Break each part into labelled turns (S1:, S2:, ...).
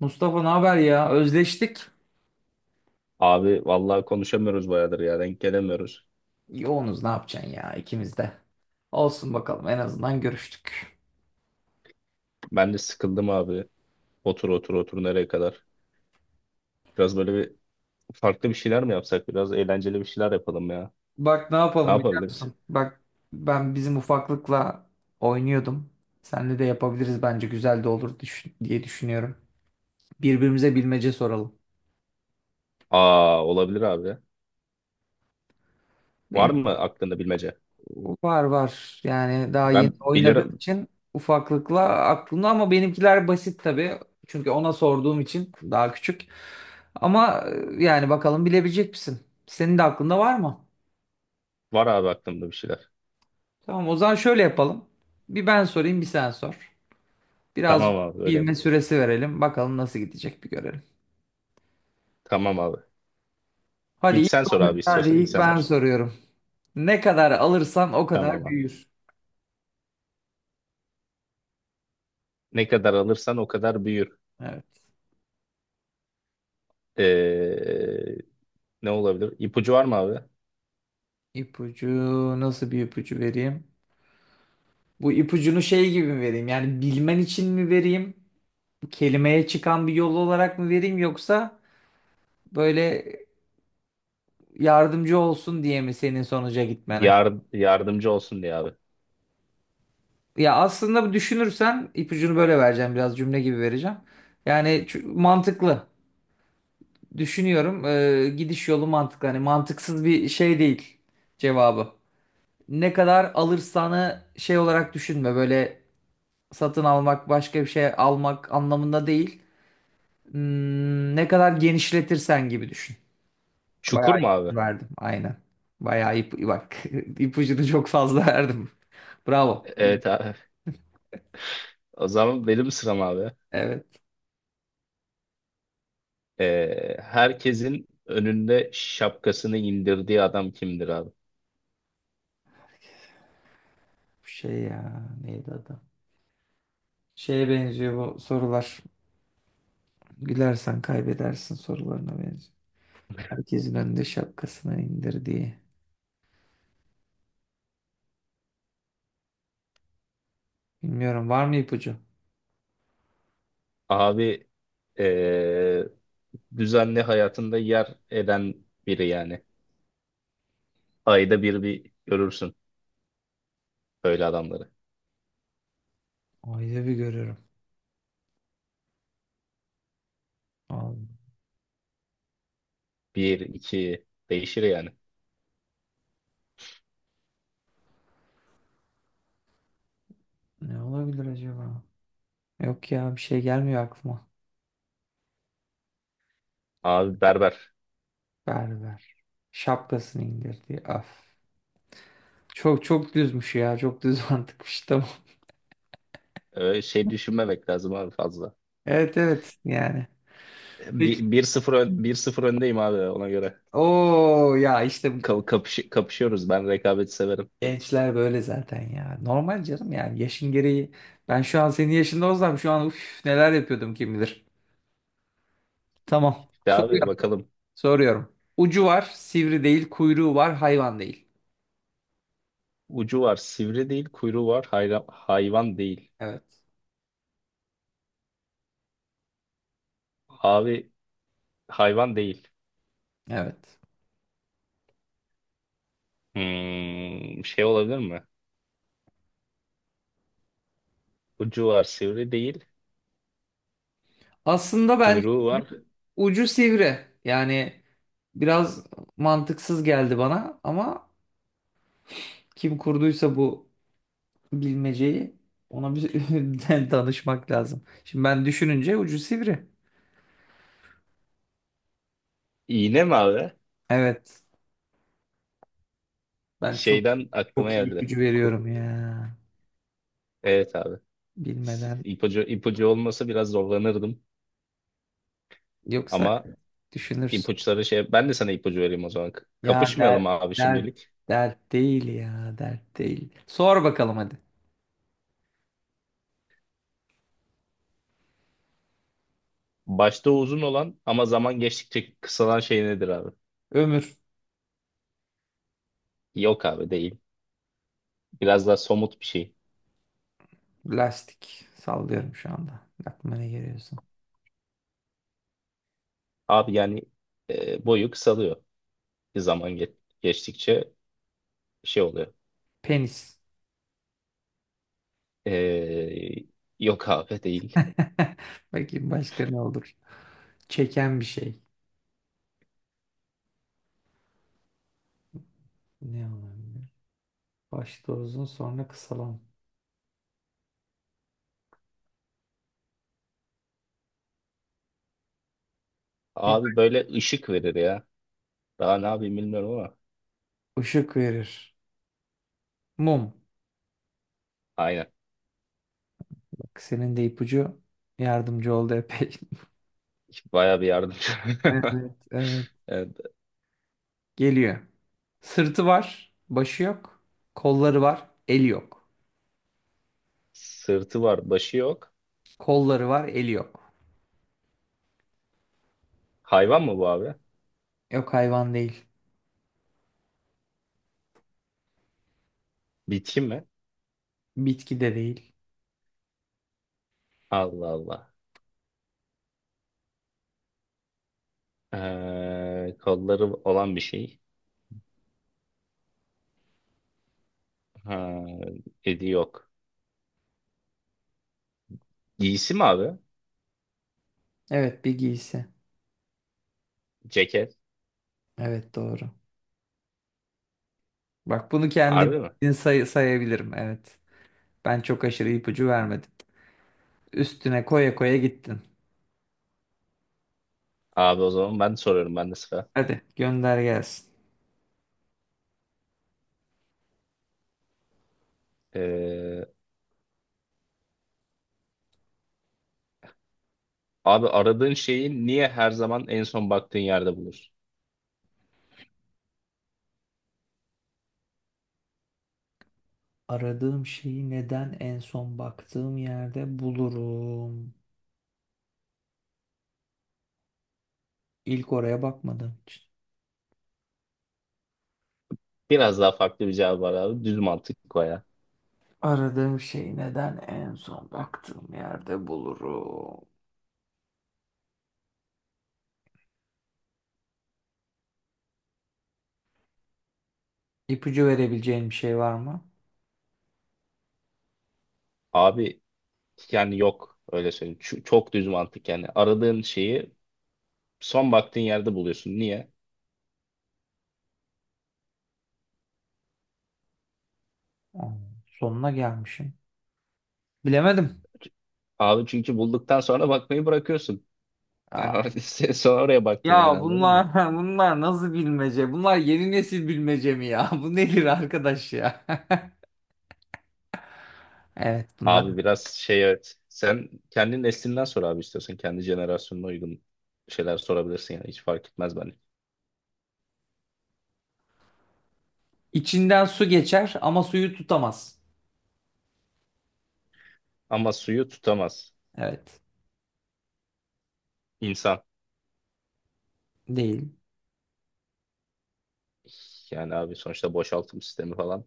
S1: Mustafa ne haber ya? Özleştik.
S2: Abi vallahi konuşamıyoruz bayağıdır ya, denk gelemiyoruz.
S1: Yoğunuz ne yapacaksın ya ikimiz de. Olsun bakalım en azından görüştük.
S2: Ben de sıkıldım abi. Otur otur otur, nereye kadar? Biraz böyle bir farklı bir şeyler mi yapsak? Biraz eğlenceli bir şeyler yapalım ya.
S1: Bak ne
S2: Ne
S1: yapalım biliyor
S2: yapabiliriz?
S1: musun? Bak ben bizim ufaklıkla oynuyordum. Seninle de yapabiliriz bence güzel de olur diye düşünüyorum. Birbirimize bilmece soralım.
S2: Aa, olabilir abi. Var
S1: Benim
S2: mı aklında bilmece?
S1: Var var. Yani daha yeni
S2: Ben
S1: oynadığım
S2: bilirim.
S1: için ufaklıkla aklımda ama benimkiler basit tabii. Çünkü ona sorduğum için daha küçük. Ama yani bakalım bilebilecek misin? Senin de aklında var mı?
S2: Var abi, aklımda bir şeyler.
S1: Tamam o zaman şöyle yapalım. Bir ben sorayım bir sen sor. Biraz
S2: Tamam abi, öyle mi?
S1: bilme süresi verelim. Bakalım nasıl gidecek bir görelim.
S2: Tamam abi.
S1: Hadi
S2: İlk
S1: ilk,
S2: sen sor abi,
S1: hadi
S2: istiyorsan ilk
S1: ilk
S2: sen
S1: ben
S2: başla.
S1: soruyorum. Ne kadar alırsan o kadar
S2: Tamam abi.
S1: büyür.
S2: Ne kadar alırsan o kadar büyür.
S1: Evet.
S2: Ee, ne olabilir? İpucu var mı abi?
S1: İpucu nasıl bir ipucu vereyim? Bu ipucunu şey gibi mi vereyim? Yani bilmen için mi vereyim? Kelimeye çıkan bir yol olarak mı vereyim yoksa böyle yardımcı olsun diye mi senin sonuca gitmene?
S2: Yardımcı olsun diye abi.
S1: Ya aslında düşünürsen ipucunu böyle vereceğim biraz cümle gibi vereceğim. Yani mantıklı. Düşünüyorum. Gidiş yolu mantıklı. Hani mantıksız bir şey değil cevabı. Ne kadar alırsanı şey olarak düşünme. Böyle satın almak başka bir şey almak anlamında değil. Hmm, ne kadar genişletirsen gibi düşün.
S2: Çukur
S1: Bayağı
S2: mu abi?
S1: ipucu verdim. Aynen. Bayağı bak ipucunu çok fazla verdim. Bravo.
S2: Evet abi. O zaman benim sıram abi.
S1: Evet.
S2: Herkesin önünde şapkasını indirdiği adam kimdir abi?
S1: Bu şey ya neydi adı? Şeye benziyor bu sorular. Gülersen kaybedersin sorularına benziyor. Herkesin önünde şapkasını indir diye. Bilmiyorum var mı ipucu?
S2: Abi ee, düzenli hayatında yer eden biri yani. Ayda bir görürsün böyle adamları.
S1: Ayda bir görüyorum. Allah.
S2: Bir, iki değişir yani.
S1: Ne olabilir acaba? Yok ya bir şey gelmiyor aklıma.
S2: Abi berber.
S1: Ver ver. Şapkasını indir diye. Af. Çok çok düzmüş ya. Çok düz mantıkmış. Tamam.
S2: Öyle şey düşünmemek lazım abi fazla.
S1: Evet evet yani. Peki.
S2: Bir sıfır öndeyim abi, ona göre.
S1: Oo ya işte bu
S2: Kapışıyoruz. Ben rekabeti severim.
S1: gençler böyle zaten ya. Normal canım yani yaşın gereği. Ben şu an senin yaşında olsam şu an uf, neler yapıyordum kim bilir. Tamam.
S2: Ya abi,
S1: Soruyorum.
S2: bakalım.
S1: Soruyorum. Ucu var, sivri değil, kuyruğu var, hayvan değil.
S2: Ucu var, sivri değil, kuyruğu var, hayvan değil.
S1: Evet.
S2: Abi, hayvan değil.
S1: Evet.
S2: Şey olabilir mi? Ucu var, sivri değil,
S1: Aslında bence
S2: kuyruğu var.
S1: ucu sivri. Yani biraz mantıksız geldi bana ama kim kurduysa bu bilmeceyi ona bir danışmak lazım. Şimdi ben düşününce ucu sivri.
S2: İğne mi abi?
S1: Evet. Ben çok
S2: Şeyden aklıma
S1: çok iyi
S2: geldi.
S1: ipucu veriyorum ya.
S2: Evet abi.
S1: Bilmeden.
S2: İpucu olmasa biraz zorlanırdım.
S1: Yoksa
S2: Ama
S1: düşünürsün.
S2: ipuçları şey. Ben de sana ipucu vereyim o zaman.
S1: Ya
S2: Kapışmayalım
S1: dert
S2: abi
S1: dert
S2: şimdilik.
S1: dert değil ya. Dert değil. Sor bakalım hadi.
S2: Başta uzun olan ama zaman geçtikçe kısalan şey nedir abi?
S1: Ömür.
S2: Yok abi, değil. Biraz daha somut bir şey.
S1: Lastik. Sallıyorum şu anda. Aklıma ne geliyorsa.
S2: Abi yani boyu kısalıyor. Bir zaman geçtikçe şey oluyor.
S1: Penis.
S2: E, yok abi, değil.
S1: Bakayım başka ne olur. Çeken bir şey. Ne olabilir? Başta uzun sonra kısalan.
S2: Abi, böyle ışık verir ya. Daha ne yapayım, bilmiyorum ama.
S1: Işık verir. Mum.
S2: Aynen.
S1: Bak senin de ipucu yardımcı oldu epey.
S2: Baya bir yardımcı.
S1: Evet, evet.
S2: Evet.
S1: Geliyor. Sırtı var, başı yok. Kolları var, eli yok.
S2: Sırtı var, başı yok.
S1: Kolları var, eli yok.
S2: Hayvan mı bu abi?
S1: Yok hayvan değil.
S2: Bitki mi?
S1: Bitki de değil.
S2: Allah Allah. Kolları olan bir şey. Ha, dedi yok. Giysi mi abi?
S1: Evet bir giysi.
S2: Ceket.
S1: Evet doğru. Bak bunu kendim
S2: Harbi mi?
S1: sayabilirim. Evet. Ben çok aşırı ipucu vermedim. Üstüne koya koya gittin.
S2: Abi o zaman ben soruyorum, ben de sıra.
S1: Hadi gönder gelsin.
S2: E, Abi, aradığın şeyi niye her zaman en son baktığın yerde bulursun?
S1: Aradığım şeyi neden en son baktığım yerde bulurum? İlk oraya bakmadığım için.
S2: Biraz daha farklı bir cevap var abi. Düz mantık o ya.
S1: Aradığım şeyi neden en son baktığım yerde bulurum? İpucu verebileceğin bir şey var mı?
S2: Abi yani yok, öyle söyleyeyim. Çok düz mantık yani. Aradığın şeyi son baktığın yerde buluyorsun. Niye?
S1: Aa, sonuna gelmişim. Bilemedim.
S2: Abi çünkü bulduktan sonra bakmayı bırakıyorsun.
S1: Aa,
S2: Sen sonra oraya baktın yani,
S1: ya
S2: anladın mı?
S1: bunlar bunlar nasıl bilmece? Bunlar yeni nesil bilmece mi ya? Bu nedir arkadaş ya? Evet bunlar.
S2: Abi biraz şey, evet. Sen kendi neslinden sor abi istiyorsan. Kendi jenerasyonuna uygun şeyler sorabilirsin yani. Hiç fark etmez bence.
S1: İçinden su geçer ama suyu tutamaz.
S2: Ama suyu tutamaz
S1: Evet.
S2: insan.
S1: Değil.
S2: Yani abi sonuçta boşaltım sistemi falan.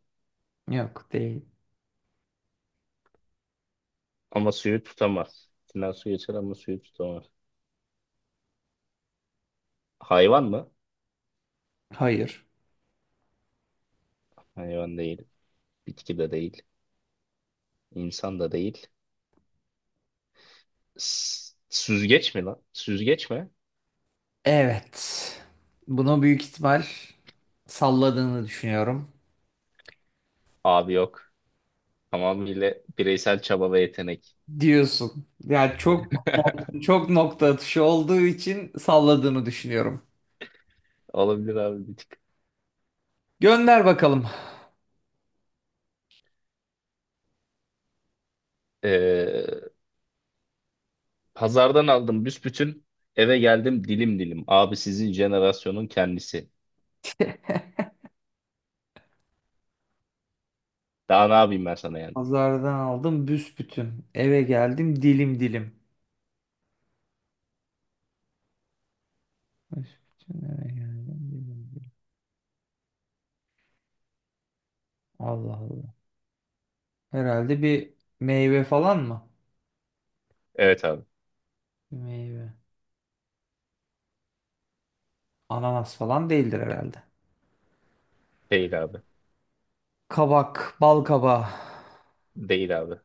S1: Yok değil.
S2: Ama suyu tutamaz. İçinden su geçer ama suyu tutamaz. Hayvan mı?
S1: Hayır.
S2: Hayvan değil. Bitki de değil. İnsan da değil. Süzgeç mi lan? Süzgeç mi?
S1: Evet. Bunu büyük ihtimal salladığını düşünüyorum.
S2: Abi yok. Tamamıyla bireysel çaba ve yetenek.
S1: Diyorsun. Yani çok çok nokta atışı olduğu için salladığını düşünüyorum.
S2: Olabilir abi, bir tık.
S1: Gönder bakalım.
S2: Ee, pazardan aldım büsbütün. Eve geldim dilim dilim. Abi sizin jenerasyonun kendisi. Daha ne yapayım ben sana yani?
S1: Pazardan aldım büsbütün. Eve geldim dilim dilim. Büsbütün eve geldim dilim dilim. Allah Allah. Herhalde bir meyve falan mı?
S2: Evet abi.
S1: Bir meyve. Ananas falan değildir herhalde.
S2: Değil abi.
S1: Kabak, bal kabağı.
S2: Değil abi.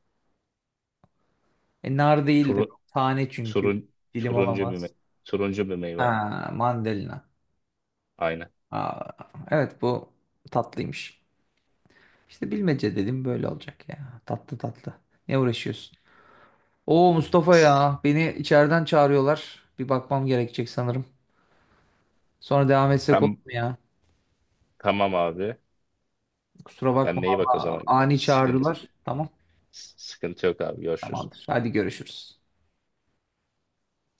S1: Nar değildir.
S2: Turun,
S1: Tane çünkü. Dilim
S2: Turuncu bir
S1: olamaz.
S2: meyve. Turuncu bir meyve abi.
S1: Ha, mandalina.
S2: Aynen.
S1: Aa, evet bu tatlıymış. İşte bilmece dedim böyle olacak ya. Tatlı tatlı. Ne uğraşıyorsun? Oo Mustafa
S2: S-
S1: ya beni içeriden çağırıyorlar. Bir bakmam gerekecek sanırım. Sonra devam etsek olur
S2: Tam,
S1: mu ya?
S2: tamam abi.
S1: Kusura bakma
S2: Kendine iyi bak o
S1: ama
S2: zaman.
S1: ani çağırdılar. Tamam
S2: Sıkıntı yok abi. Görüşürüz.
S1: tamamdır. Hadi görüşürüz.